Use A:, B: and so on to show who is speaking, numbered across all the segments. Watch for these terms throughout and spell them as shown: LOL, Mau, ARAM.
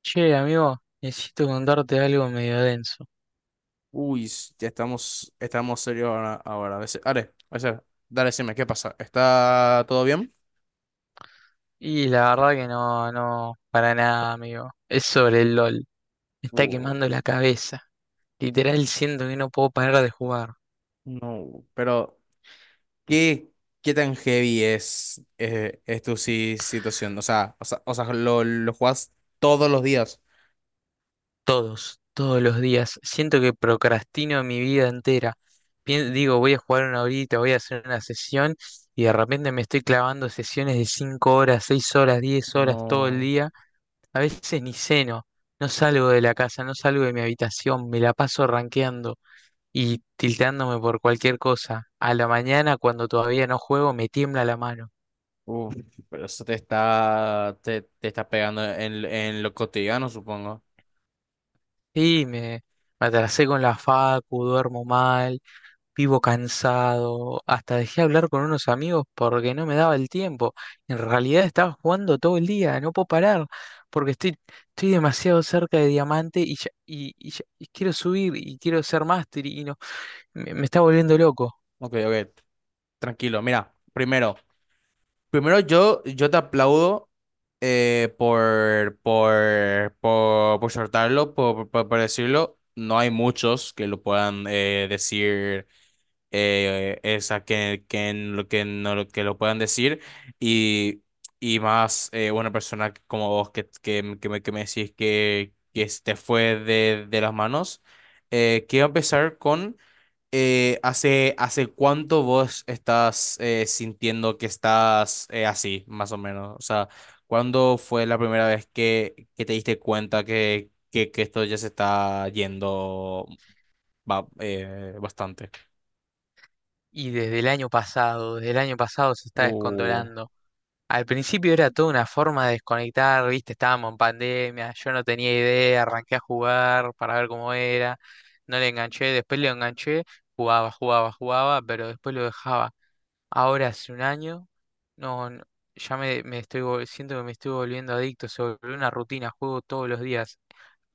A: Che, amigo, necesito contarte algo medio denso.
B: Uy, ya estamos serios ahora. A veces, Are, a veces, dale, decime, ¿qué pasa? ¿Está todo bien?
A: Y la verdad que no, no, para nada, amigo. Es sobre el LOL. Me está
B: Uh,
A: quemando la cabeza. Literal siento que no puedo parar de jugar.
B: no, pero ¿qué, ¿qué tan heavy es tu situación? O sea, lo jugás todos los días.
A: Todos, todos los días. Siento que procrastino mi vida entera. Digo, voy a jugar una horita, voy a hacer una sesión y de repente me estoy clavando sesiones de 5 horas, 6 horas, 10 horas todo el
B: No.
A: día. A veces ni ceno. No salgo de la casa, no salgo de mi habitación, me la paso rankeando y tilteándome por cualquier cosa. A la mañana, cuando todavía no juego, me tiembla la mano.
B: Uf, pero eso te está, te está pegando en lo cotidiano, supongo.
A: Y me, me atrasé con la facu, duermo mal, vivo cansado. Hasta dejé hablar con unos amigos porque no me daba el tiempo. En realidad estaba jugando todo el día, no puedo parar porque estoy demasiado cerca de diamante y quiero subir y quiero ser máster y no, me está volviendo loco.
B: Ok, tranquilo. Mira, primero. Primero yo te aplaudo por soltarlo, por decirlo. No hay muchos que lo puedan decir, esa en lo que, no, lo que lo puedan decir. Y, y más una persona como vos que me decís que se te fue de las manos. Quiero empezar con hace cuánto vos estás sintiendo que estás así, más o menos? O sea, ¿cuándo fue la primera vez que te diste cuenta que esto ya se está yendo bastante?
A: Y desde el año pasado, desde el año pasado se está
B: Uh,
A: descontrolando. Al principio era toda una forma de desconectar, viste, estábamos en pandemia, yo no tenía idea, arranqué a jugar para ver cómo era, no le enganché, después le enganché, jugaba, jugaba, jugaba, pero después lo dejaba. Ahora hace un año, no, no, ya me siento que me estoy volviendo adicto, se volvió una rutina, juego todos los días.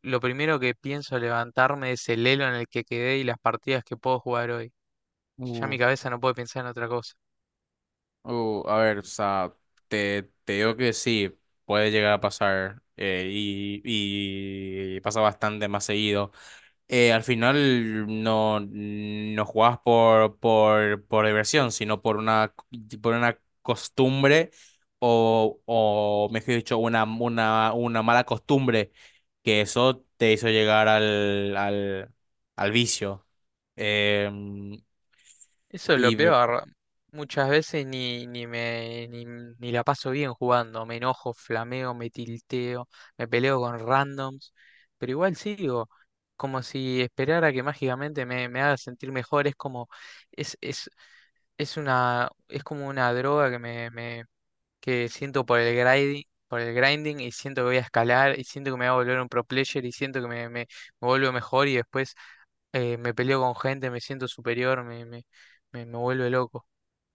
A: Lo primero que pienso levantarme es el elo en el que quedé y las partidas que puedo jugar hoy. Ya
B: uh,
A: mi cabeza no puede pensar en otra cosa.
B: a ver, o sea, te digo que sí, puede llegar a pasar y pasa bastante más seguido. Eh, al final no, no jugabas por diversión, sino por una costumbre o, mejor dicho, una mala costumbre que eso te hizo llegar al, al vicio. Em,
A: Eso es
B: y
A: lo
B: me-
A: peor. Muchas veces ni, ni me ni, ni la paso bien jugando. Me enojo, flameo, me tilteo, me peleo con randoms, pero igual sigo. Como si esperara que mágicamente me haga sentir mejor. Es como, es, es, es una, es como una droga que que siento por el grinding y siento que voy a escalar y siento que me voy a volver un pro player y siento que me vuelvo mejor y después me peleo con gente, me siento superior, me vuelve loco.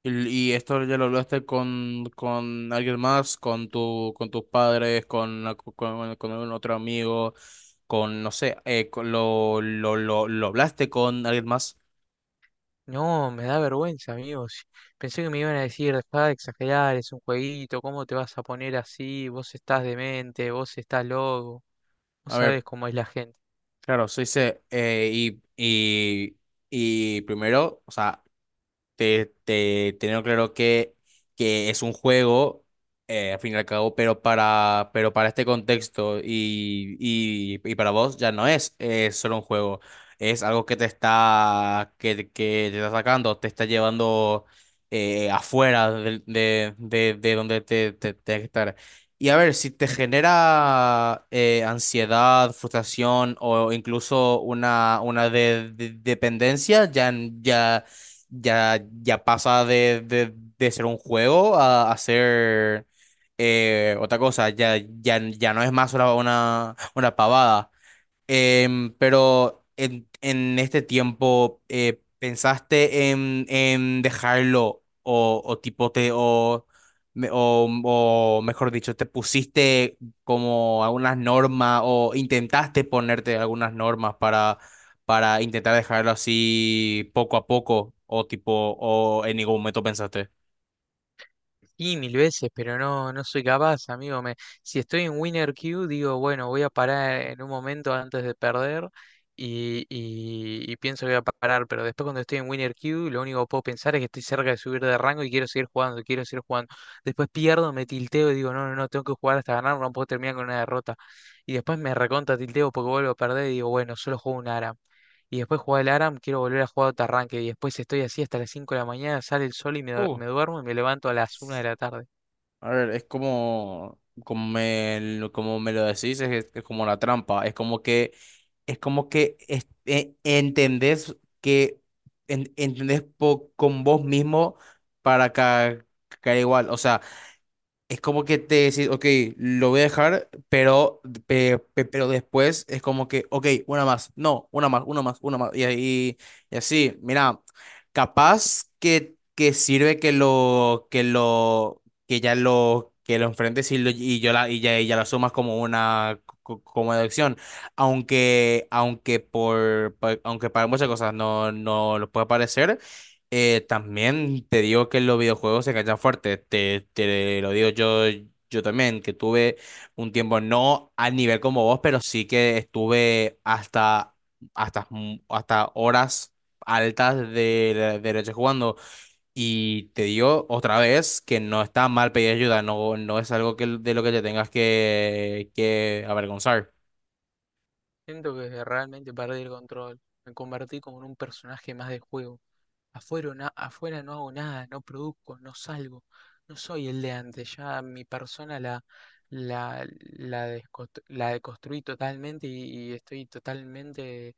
B: Y esto ya lo hablaste con alguien más, con con tus padres, con algún otro amigo, con, no sé, lo hablaste con alguien más.
A: No, me da vergüenza, amigos. Pensé que me iban a decir, dejá de exagerar, es un jueguito, ¿cómo te vas a poner así? Vos estás demente, vos estás loco, vos
B: A ver,
A: sabés cómo es la gente.
B: claro, se dice, y primero, o sea, teniendo claro que es un juego, al fin y al cabo, pero para este contexto y para vos ya no es, solo un juego, es algo que te está, que te está sacando, te está llevando afuera de donde tienes que estar. Y a ver, si te genera ansiedad, frustración o incluso una dependencia, ya, ya pasa de ser un juego a ser otra cosa. Ya no es más una pavada. Pero en este tiempo, ¿pensaste en dejarlo o tipo te o, me- o mejor dicho, te pusiste como algunas normas o intentaste ponerte algunas normas para intentar dejarlo así poco a poco o tipo o en ningún momento pensaste?
A: Sí, mil veces, pero no, no soy capaz, amigo. Me, si estoy en Winner Q, digo, bueno, voy a parar en un momento antes de perder y pienso que voy a parar, pero después cuando estoy en Winner Q, lo único que puedo pensar es que estoy cerca de subir de rango y quiero seguir jugando, quiero seguir jugando. Después pierdo, me tilteo y digo, no, no, no, tengo que jugar hasta ganar, no puedo terminar con una derrota. Y después me recontra tilteo porque vuelvo a perder y digo, bueno, solo juego un ARAM. Y después jugar el ARAM, quiero volver a jugar otro arranque. Y después estoy así hasta las 5 de la mañana, sale el sol y me duermo y me levanto a las una de la tarde.
B: A ver, es como, como me lo decís, es como la trampa. Es como es como que entendés que entendés con vos mismo para caer igual. O sea. Es como que te decís, ok, lo voy a dejar, pero, pero después es como que, ok, una más, no, una más, una más, una más. Y, y así, mira, capaz que sirve que ya lo, que lo enfrentes y, lo- y yo la, y ya la sumas como una, como deducción. Aunque aunque para muchas cosas no, no lo puede parecer. También te digo que los videojuegos se enganchan fuerte, te lo digo yo, yo también, que tuve un tiempo, no al nivel como vos, pero sí que estuve hasta horas altas de, de noche jugando. Y te digo otra vez que no está mal pedir ayuda, no, no es algo que, de lo que te tengas que avergonzar.
A: Siento que realmente perdí el control. Me convertí como en un personaje más del juego. Afuera no hago nada, no produzco, no salgo. No soy el de antes. Ya mi persona la, la deconstruí totalmente y estoy totalmente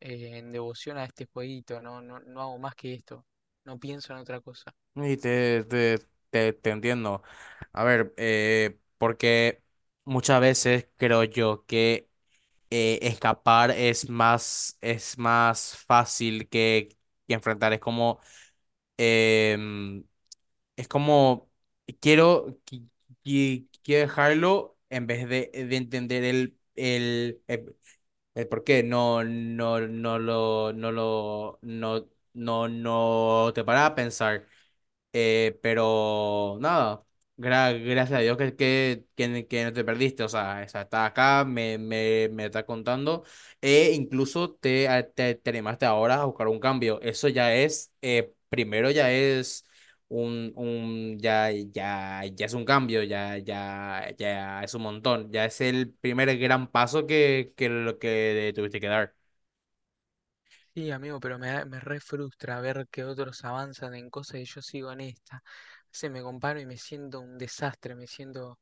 A: en devoción a este jueguito. No, no, no hago más que esto. No pienso en otra cosa.
B: Y te entiendo. A ver, porque muchas veces creo yo que escapar es más fácil que enfrentar. Es como, em, es como, quiero, qui- quiero dejarlo en vez de entender el por qué. No, no, no lo, no lo, no, no, no te para a pensar. Pero nada, gracias a Dios que no te perdiste, o sea, esa está acá, me está contando, e incluso te animaste ahora a buscar un cambio, eso ya es, primero ya es un, ya es un cambio, ya es un montón, ya es el primer gran paso lo que tuviste que dar.
A: Sí, amigo, pero me re frustra ver que otros avanzan en cosas y yo sigo en esta. Se me comparo y me siento un desastre, me siento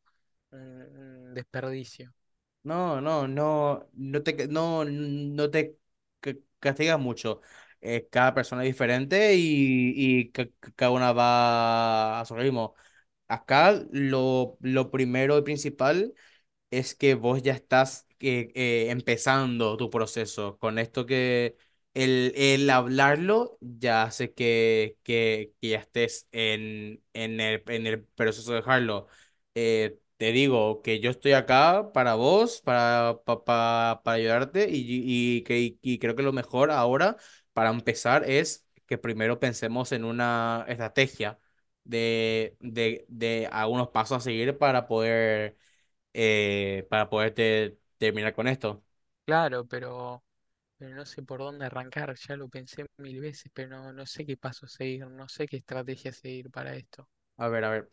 A: un, un desperdicio.
B: No te castigas mucho. Cada persona es diferente y cada una va a su ritmo. Acá lo primero y principal es que vos ya estás empezando tu proceso. Con esto que el hablarlo ya hace que ya estés en el proceso de dejarlo. Te digo que yo estoy acá para vos, para ayudarte y creo que lo mejor ahora para empezar es que primero pensemos en una estrategia de algunos pasos a seguir para poder para poderte terminar con esto.
A: Claro, pero no sé por dónde arrancar, ya lo pensé mil veces, pero no, no sé qué paso seguir, no sé qué estrategia seguir para esto.
B: A ver, a ver.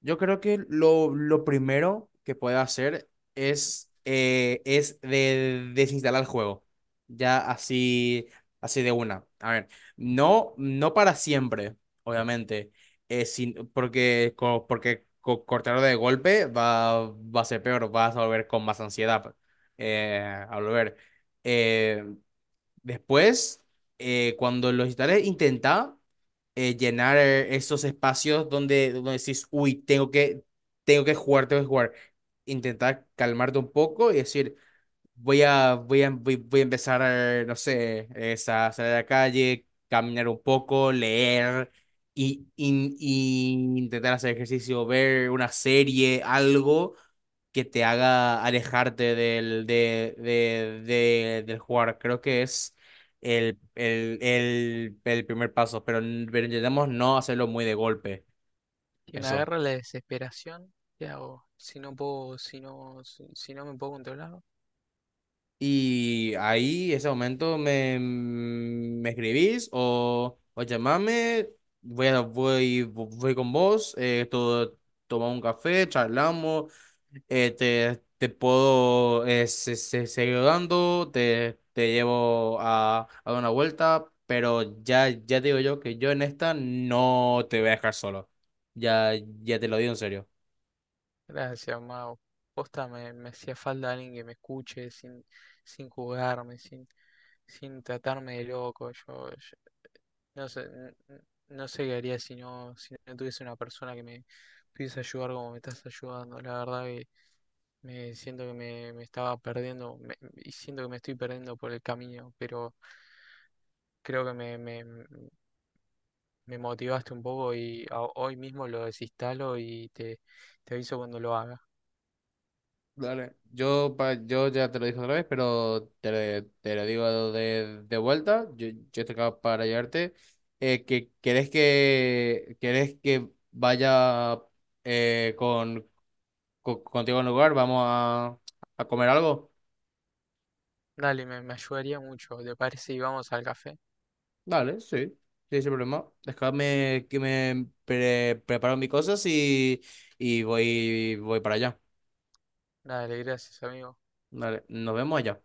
B: Yo creo que lo primero que puedes hacer es, desinstalar el juego. Ya así, así de una. A ver, no, no para siempre, obviamente. Eh, sin, porque cortarlo de golpe va a ser peor, vas a volver con más ansiedad eh, a volver. Eh, después, cuando lo instales, intenta llenar esos espacios donde, donde decís, uy, tengo tengo que jugar, tengo que jugar. Intentar calmarte un poco y decir, voy a empezar, no sé, es a salir a la calle, caminar un poco, leer y, y intentar hacer ejercicio, ver una serie, algo que te haga alejarte del, de- del jugar. Creo que es el primer paso, pero pero intentemos no hacerlo muy de golpe.
A: Si me
B: Eso.
A: agarra la desesperación, ¿qué hago? Si no puedo, si no, si, si no me puedo controlar,
B: Y ahí, ese momento, me escribís o llamame, voy con vos, tomamos un café, charlamos, te puedo seguir dando, te llevo a dar una vuelta, pero ya te digo yo que yo en esta no te voy a dejar solo. Ya, ya te lo digo en serio.
A: gracias, Mau. Posta, me hacía falta alguien que me escuche sin, sin juzgarme, sin, sin tratarme de loco. Yo no sé, no sé qué haría si no, si no tuviese una persona que me pudiese ayudar como me estás ayudando. La verdad que me siento que me estaba perdiendo me- y siento que me estoy perdiendo por el camino, pero creo que me motivaste un poco hoy mismo lo desinstalo y te aviso cuando lo haga.
B: Dale. Yo, yo ya te lo dije otra vez, pero te lo digo de vuelta. Yo estoy acá para ayudarte. ¿Querés querés que vaya eh, con, contigo al lugar? ¿Vamos a comer algo?
A: Dale, me ayudaría mucho. ¿Te parece? Y vamos al café.
B: Dale, sí. Sí, sin problema. Déjame que me preparo mis cosas y voy, voy para allá.
A: Dale, gracias, amigo.
B: Dale, nos vemos allá.